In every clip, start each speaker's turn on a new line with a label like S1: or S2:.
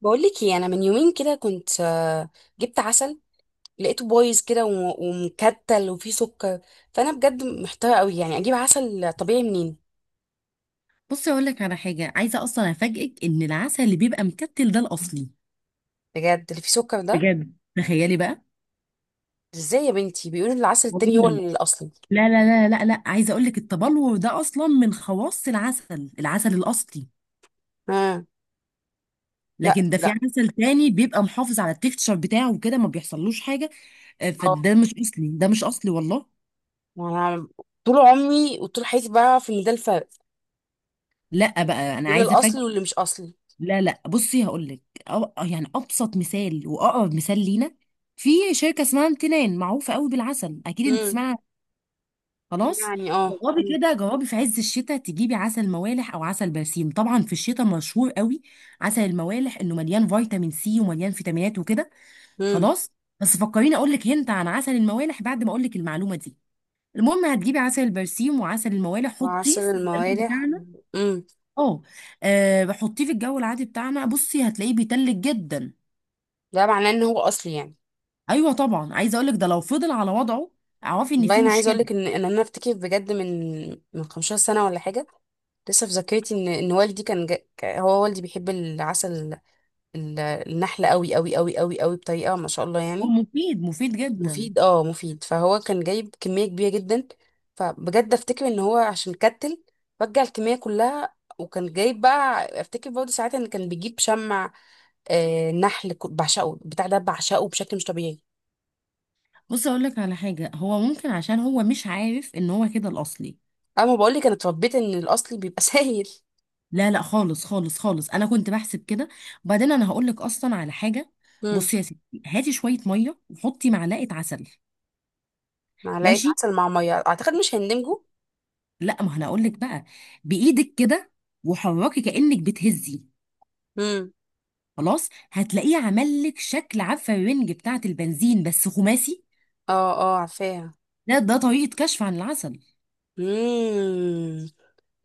S1: بقول لك ايه، انا من يومين كده كنت جبت عسل، لقيته بايظ كده ومكتل وفيه سكر. فانا بجد محتاره قوي، يعني اجيب عسل طبيعي منين؟
S2: بصي اقول لك على حاجه، عايزه اصلا افاجئك ان العسل اللي بيبقى مكتل ده الاصلي.
S1: بجد اللي فيه سكر ده؟
S2: بجد، تخيلي بقى.
S1: ازاي يا بنتي بيقولوا إن العسل التاني هو
S2: والله
S1: الاصلي؟
S2: لا، عايزه اقول لك التبلور ده اصلا من خواص العسل الاصلي.
S1: ها. لا
S2: لكن ده في
S1: لا.
S2: عسل تاني بيبقى محافظ على التكتشر بتاعه وكده ما بيحصلوش حاجه.
S1: اه.
S2: فده مش اصلي، ده مش اصلي والله.
S1: انا طول عمري وطول حياتي بعرف ان ده الفرق
S2: لا بقى انا
S1: بين
S2: عايزه
S1: الاصلي
S2: افاجئك.
S1: واللي مش اصلي.
S2: لا، بصي هقول لك. يعني ابسط مثال واقرب مثال لينا، في شركه اسمها امتنان، معروفه قوي بالعسل، اكيد انت
S1: امم.
S2: تسمعي. خلاص.
S1: يعني اه.
S2: جربي كده، جربي في عز الشتاء تجيبي عسل موالح او عسل برسيم. طبعا في الشتاء مشهور قوي عسل الموالح، انه مليان فيتامين سي ومليان فيتامينات وكده.
S1: امم.
S2: خلاص. بس فكريني اقول لك هنت عن عسل الموالح بعد ما اقول لك المعلومه دي. المهم، هتجيبي عسل البرسيم وعسل الموالح، حطيه
S1: عسل
S2: في التلاجة
S1: الموالح.
S2: بتاعنا.
S1: امم.
S2: اه. حطيه في الجو العادي بتاعنا، بصي هتلاقيه بيتلج جدا.
S1: ده معناه ان هو اصلي يعني؟
S2: ايوه طبعا، عايزه اقول لك ده لو فضل على وضعه اعرفي ان
S1: والله
S2: في
S1: انا عايزه اقول
S2: مشكله.
S1: لك ان انا افتكر بجد من 15 سنه ولا حاجه، لسه في ذاكرتي ان والدي كان هو والدي بيحب النحل قوي قوي قوي قوي قوي، بطريقه ما شاء الله
S2: هو
S1: يعني.
S2: مفيد، مفيد جدا.
S1: مفيد، اه، مفيد. فهو كان جايب كميه كبيره جدا، فبجد افتكر ان هو عشان كتل رجع الكميه كلها. وكان جايب بقى، افتكر برضه ساعتها، ان كان بيجيب شمع، نحل، بعشقه بتاع ده، بعشقه بشكل مش طبيعي.
S2: بص اقول لك على حاجه، هو ممكن عشان هو مش عارف ان هو كده الاصلي.
S1: اما بقول لك انا اتربيت ان الاصلي بيبقى سايل.
S2: لا لا، خالص، انا كنت بحسب كده. وبعدين انا هقول لك اصلا على حاجه.
S1: مم.
S2: بصي يا ستي، هاتي شويه ميه وحطي معلقه عسل.
S1: معلقة
S2: ماشي.
S1: عسل مع مية، اعتقد مش هندمجوا.
S2: لا، ما انا اقول لك بقى. بايدك كده، وحركي كانك بتهزي.
S1: امم.
S2: خلاص، هتلاقيه عمل لك شكل، عارفه الرنج بتاعه البنزين بس خماسي.
S1: اه عارفاها.
S2: ده طريقه كشف عن العسل.
S1: امم.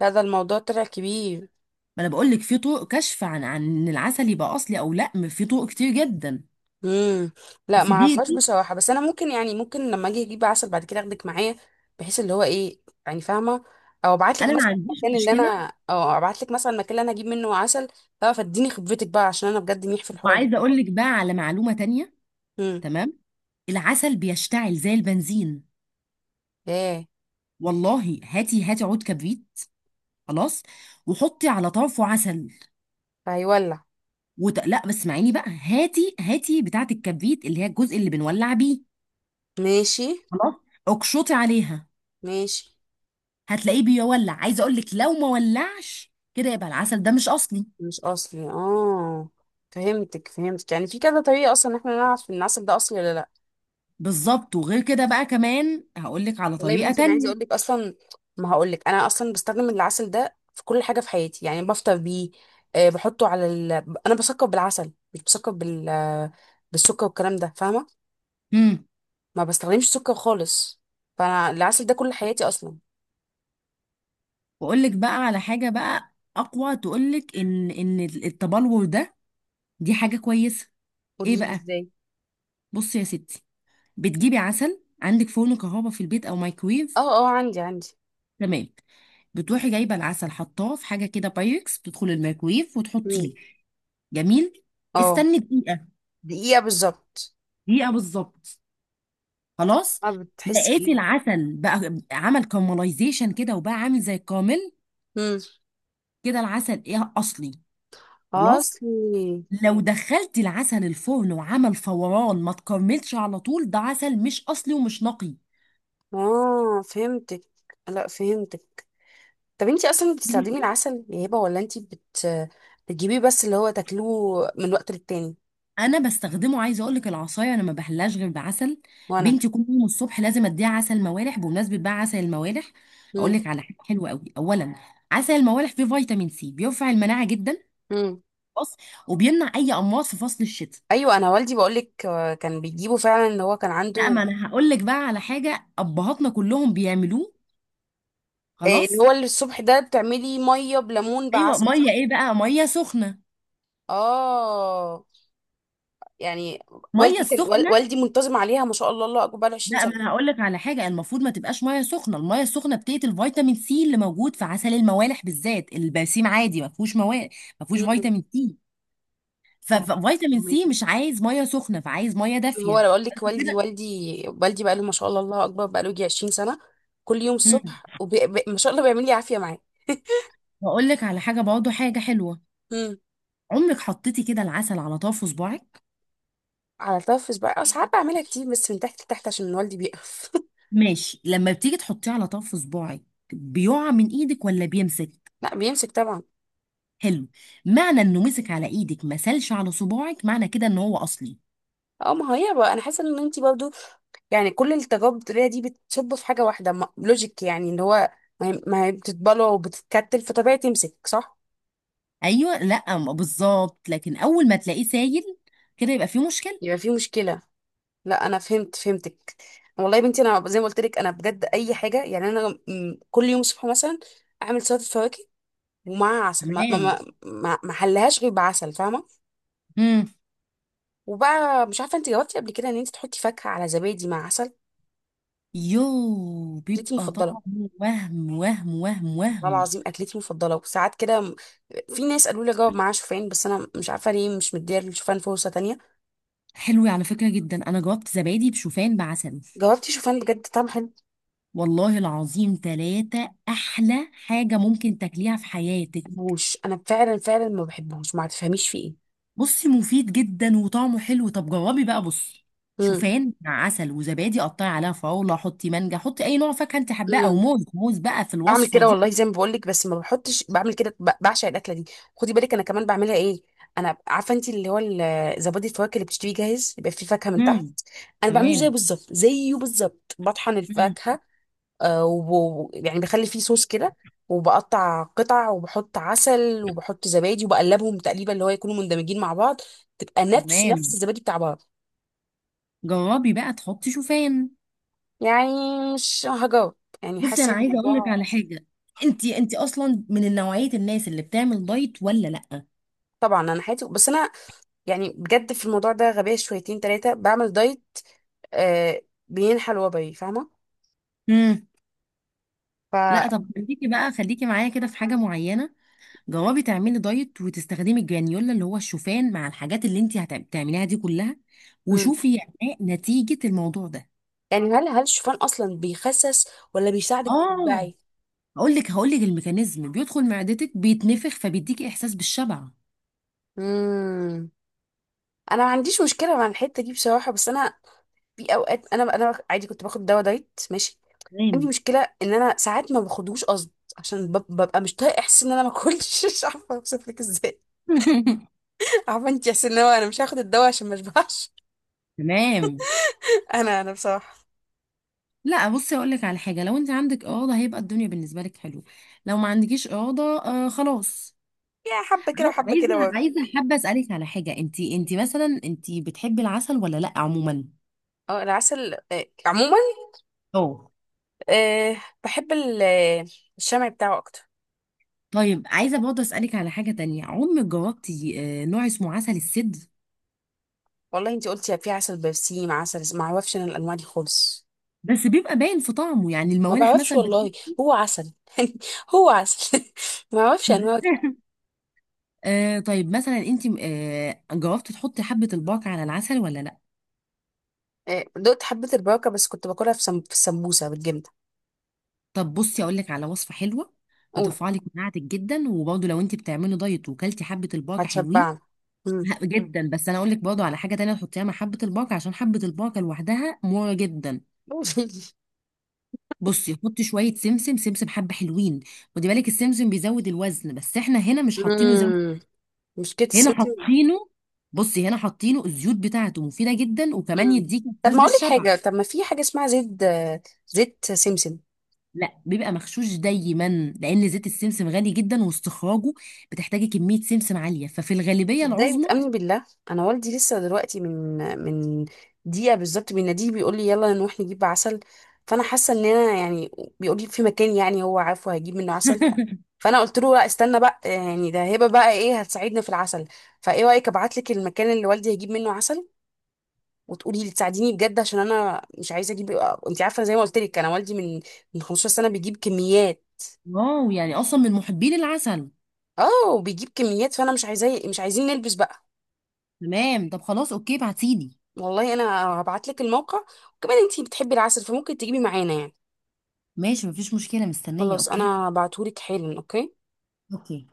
S1: لا، ده الموضوع طلع كبير.
S2: ما انا بقول لك في طرق كشف عن إن العسل يبقى اصلي او لا، في طرق كتير جدا.
S1: امم. لا،
S2: بس
S1: ما
S2: دي
S1: اعرفهاش
S2: دي
S1: بصراحة، بس انا ممكن، يعني ممكن لما اجي اجيب عسل بعد كده اخدك معايا، بحيث اللي هو ايه، يعني فاهمة؟
S2: انا ما عنديش مشكله.
S1: او ابعت لك مثلا المكان اللي انا اجيب منه عسل، تعرف، اديني خبرتك بقى، عشان انا بجد منيح في الحوار
S2: وعايزه
S1: ده.
S2: اقول لك بقى على معلومه تانية.
S1: امم.
S2: تمام. العسل بيشتعل زي البنزين،
S1: ايه.
S2: والله. هاتي عود كبريت، خلاص، وحطي على طرفه عسل.
S1: فهيولع.
S2: لا بس اسمعيني بقى، هاتي بتاعه الكبريت اللي هي الجزء اللي بنولع بيه.
S1: ماشي.
S2: خلاص، اقشطي عليها.
S1: ماشي.
S2: هتلاقيه بيولع. عايزه اقول لك لو ما ولعش كده يبقى العسل ده مش اصلي.
S1: مش اصلي، اه. فهمتك، فهمتك. يعني في كذا طريقه اصلا ان احنا نعرف ان العسل ده اصلي ولا لا.
S2: بالظبط. وغير كده بقى كمان هقول لك على
S1: والله يا
S2: طريقه
S1: بنتي، انا عايزه اقول
S2: تانية.
S1: لك اصلا، ما هقول لك، انا اصلا بستخدم العسل ده في كل حاجه في حياتي، يعني بفطر بيه، بحطه انا بسكر بالعسل، مش بسكر بالسكر والكلام ده، فاهمه؟
S2: مم.
S1: ما بستخدمش سكر خالص، فانا العسل ده كل حياتي اصلا.
S2: واقول لك بقى على حاجه بقى اقوى، تقول لك ان التبلور ده دي حاجه كويسه. ايه
S1: قولي لي
S2: بقى؟
S1: ازاي.
S2: بصي يا ستي، بتجيبي عسل، عندك فرن كهرباء في البيت او مايكرويف؟
S1: اه اه، عندي.
S2: تمام. بتروحي جايبه العسل، حطاه في حاجه كده بايركس، بتدخل الميكرويف
S1: مم.
S2: وتحطيه. جميل.
S1: اه.
S2: استني دقيقه.
S1: دقيقه بالظبط.
S2: دقيقه بالظبط. خلاص.
S1: اه، بتحسي
S2: لقيتي
S1: ايه؟
S2: العسل بقى عمل كارملايزيشن كده، وبقى عامل زي الكامل،
S1: مم.
S2: كده العسل ايه؟ اصلي. خلاص.
S1: اصلي.
S2: لو دخلتي العسل الفرن وعمل فوران ما تكرملش على طول، ده عسل مش اصلي ومش نقي.
S1: اه، فهمتك. لا، فهمتك. طب انتي اصلا بتستخدمي
S2: بنتي.
S1: العسل يا هبه، ولا انتي بت بتجيبيه بس، اللي هو تاكلوه من وقت للتاني؟
S2: انا بستخدمه، عايزه اقول لك، العصايه انا ما بحلاش غير بعسل.
S1: وانا.
S2: بنتي كل يوم الصبح لازم اديها عسل موالح. بمناسبه بقى عسل الموالح، اقول
S1: امم.
S2: لك على حاجه حلوه قوي. اولا، عسل الموالح فيه فيتامين سي بيرفع المناعه جدا.
S1: امم.
S2: خلاص. وبيمنع اي امراض في فصل الشتاء.
S1: ايوه، انا والدي بقولك كان بيجيبه فعلا، اللي هو كان
S2: لا،
S1: عنده
S2: ما انا هقول لك بقى على حاجه، ابهاتنا كلهم بيعملوه.
S1: اللي
S2: خلاص.
S1: هو اللي الصبح ده بتعملي ميه بليمون
S2: ايوه
S1: بعسل،
S2: ميه.
S1: صح؟
S2: ايه بقى؟ ميه سخنه.
S1: اه، يعني
S2: ميه
S1: والدي كان
S2: السخنه،
S1: والدي منتظم عليها، ما شاء الله، الله اكبر، 20
S2: لا، ما
S1: سنه.
S2: انا هقول لك على حاجه. المفروض ما تبقاش ميه سخنه. الميه السخنه بتقتل فيتامين سي اللي موجود في عسل الموالح، بالذات. البرسيم عادي ما فيهوش مواد، ما فيهوش
S1: امم.
S2: فيتامين سي.
S1: فاهمك.
S2: ففيتامين سي مش عايز ميه سخنه، فعايز ميه
S1: هو
S2: دافيه.
S1: انا بقول لك والدي،
S2: كده.
S1: والدي بقى له، ما شاء الله، الله اكبر، بقى له يجي 20 سنه كل يوم
S2: امم.
S1: الصبح، ما شاء الله بيعمل لي عافيه معاه.
S2: واقول لك على حاجه برضه، حاجه حلوه.
S1: امم.
S2: عمرك حطيتي كده العسل على طرف صباعك؟
S1: على الطرف بقى، ساعات بعملها كتير، بس من تحت لتحت عشان والدي بيقف
S2: ماشي. لما بتيجي تحطيه على طرف صباعك، بيقع من ايدك ولا بيمسك؟
S1: لا، بيمسك طبعا.
S2: حلو. معنى انه مسك على ايدك، ما سالش على صباعك، معنى كده ان هو اصلي.
S1: اه، ما هي بقى انا حاسه ان انت برضو، يعني كل التجارب الطبيه دي بتصب في حاجه واحده، ما... لوجيك يعني، اللي هو ما هي بتتبلع وبتتكتل، فطبيعي تمسك، صح؟
S2: ايوه. لا ما- بالظبط. لكن اول ما تلاقيه سايل كده، يبقى فيه مشكله.
S1: يبقى في مشكله. لا، انا فهمت، فهمتك. والله يا بنتي، انا زي ما قلت لك، انا بجد اي حاجه، يعني انا كل يوم الصبح مثلا اعمل سلطه فواكه ومع عسل، ما ما
S2: تمام.
S1: ما ما ما حلهاش غير بعسل، فاهمه؟
S2: امم.
S1: وبقى مش عارفه، انت جاوبتي قبل كده ان انت تحطي فاكهه على زبادي مع عسل،
S2: يو،
S1: اكلتي
S2: بيبقى
S1: المفضله؟
S2: طعمه وهم وهم وهم
S1: والله
S2: وهم
S1: العظيم اكلتي المفضله، وساعات كده في ناس قالوا لي جاوب معاها شوفان، بس انا مش عارفه ليه مش مديه للشوفان فرصه تانية.
S2: حلو على فكره جدا، انا جربت زبادي بشوفان بعسل،
S1: جاوبتي شوفان بجد طعم حلو؟ ما
S2: والله العظيم ثلاثة أحلى حاجة ممكن تاكليها في حياتك.
S1: بحبوش، انا فعلا فعلا ما بحبوش، ما تفهميش في ايه.
S2: بصي مفيد جدا وطعمه حلو، طب جربي بقى. بصي،
S1: امم.
S2: شوفان مع عسل وزبادي، قطعي عليها فراولة، حطي مانجا، حطي أي نوع فاكهة أنت حباه، أو
S1: إمم.
S2: موز بقى في
S1: بعمل
S2: الوصفة
S1: كده
S2: دي.
S1: والله زي ما بقول لك، بس ما بحطش. بعمل كده، بعشق الاكله دي. خدي بالك، انا كمان بعملها ايه، انا عارفه انت اللي هو زبادي الفواكه اللي بتشتريه جاهز، يبقى فيه فاكهه من تحت.
S2: امم.
S1: انا بعمله زيه
S2: تمام.
S1: بالظبط، زيه بالظبط، بطحن
S2: مم.
S1: الفاكهه، يعني بخلي فيه صوص كده، وبقطع قطع، وبحط عسل وبحط زبادي، وبقلبهم تقليبه اللي هو يكونوا مندمجين مع بعض، تبقى نفس
S2: تمام.
S1: الزبادي بتاع بعض.
S2: جربي بقى تحطي شوفان.
S1: يعني مش هجاوب، يعني
S2: بصي
S1: حاسه
S2: انا
S1: إن
S2: عايزه اقول لك
S1: الموضوع.
S2: على حاجه، انت اصلا من نوعيه الناس اللي بتعمل دايت ولا لا؟
S1: طبعا، انا حياتي، بس انا، يعني بجد في الموضوع ده غبية شويتين تلاتة، بعمل دايت آه بين حلوة، فاهمة؟
S2: امم.
S1: ف.
S2: لا طب خليكي بقى، خليكي معايا كده في حاجه معينه. جربي تعملي دايت وتستخدمي الجرانيولا، اللي هو الشوفان، مع الحاجات اللي انت هتعمليها دي كلها،
S1: مم.
S2: وشوفي يعني نتيجه الموضوع ده.
S1: يعني هل الشوفان أصلا بيخسس ولا بيساعدك
S2: اه.
S1: تتبعي؟
S2: هقول لك الميكانيزم. بيدخل معدتك بيتنفخ، فبيديكي احساس بالشبع.
S1: مم. أنا ما عنديش مشكلة مع الحتة دي بصراحة، بس أنا في أوقات أنا عادي كنت باخد دواء دايت، ماشي. عندي
S2: تمام.
S1: مشكلة إن أنا ساعات ما باخدوش قصد، عشان ببقى مش طايقة إحساس إن أنا ما أكلش مش عارفة أوصف لك إزاي. عارفة أنت إحساس إن هو أنا مش هاخد الدواء عشان ما أشبعش.
S2: تمام.
S1: أنا بصراحة
S2: لا بصي اقول لك على حاجه، لو انت عندك اراده هيبقى الدنيا بالنسبه لك حلو. لو ما عندكيش اراده، آه خلاص.
S1: يا حبة كده
S2: عاي-
S1: وحبة
S2: عايزه
S1: كده برضه.
S2: عايزه حابه اسالك على حاجه، انت مثلا انت بتحبي العسل ولا لا عموما؟
S1: اه، العسل عموما
S2: اه.
S1: آه، بحب الشمع بتاعه اكتر.
S2: طيب عايزه برضه اسالك على حاجه تانية، عمرك جربتي نوع اسمه عسل السد؟
S1: والله، انتي قلتي في عسل بنفسجي مع ما اعرفش انا الانواع دي خالص.
S2: بس بيبقى باين في طعمه، يعني
S1: ما
S2: الموالح
S1: بعرفش
S2: مثلا
S1: والله، هو عسل يعني، هو عسل ما اعرفش انواع دي.
S2: طيب مثلا انت جربتي تحطي حبه الباقة على العسل ولا لا؟
S1: دقت حبة البركة، بس كنت باكلها في في السمبوسة بالجبنة.
S2: طب بصي اقول لك على وصفه حلوه،
S1: قول.
S2: هترفع لك مناعتك جدا، وبرضه لو انت بتعملي دايت وكلتي حبه البركه حلوين.
S1: هتشبع. مم.
S2: جدا. بس انا اقول لك برضه على حاجه تانية تحطيها مع حبه البركه، عشان حبه البركه لوحدها مره جدا. بصي حطي شويه سمسم. سمسم حبه حلوين. خدي بالك، السمسم بيزود الوزن، بس احنا هنا مش حاطينه زود.
S1: مم. مشكلة
S2: هنا
S1: السمسم.
S2: حاطينه، بصي هنا حاطينه الزيوت بتاعته مفيده جدا، وكمان
S1: مم.
S2: يديك
S1: طب
S2: احساس
S1: ما اقول لك
S2: بالشبع.
S1: حاجة، طب ما في حاجة اسمها زيت سمسم؟
S2: لا بيبقى مغشوش دايما، لان زيت السمسم غالي جدا، واستخراجه بتحتاجي كميه سمسم عاليه، ففي الغالبيه
S1: صدقني
S2: العظمى.
S1: وتأمني بالله، انا والدي لسه دلوقتي من دقيقه بالظبط بيناديه، بيقول لي يلا نروح نجيب عسل، فانا حاسه ان انا يعني، بيقول لي في مكان يعني هو عارفه هجيب منه عسل. فانا قلت له لا، استنى بقى، يعني ده هبه بقى ايه، هتساعدنا في العسل. فايه رايك ابعت لك المكان اللي والدي هيجيب منه عسل، وتقولي لي تساعديني بجد، عشان انا مش عايزه اجيب، انت عارفه زي ما قلت لك، انا والدي من 15 سنه بيجيب كميات.
S2: واو، يعني اصلا من محبين العسل.
S1: اه بيجيب كميات، فانا مش عايزاه، مش عايزين نلبس بقى.
S2: تمام. طب خلاص اوكي، بعتيلي.
S1: والله انا هبعت لك الموقع، وكمان انتي بتحبي العسل فممكن تجيبي معانا يعني.
S2: ماشي، مفيش مشكله، مستنيه.
S1: خلاص،
S2: اوكي.
S1: انا هبعتهولك حالا، اوكي.
S2: اوكي.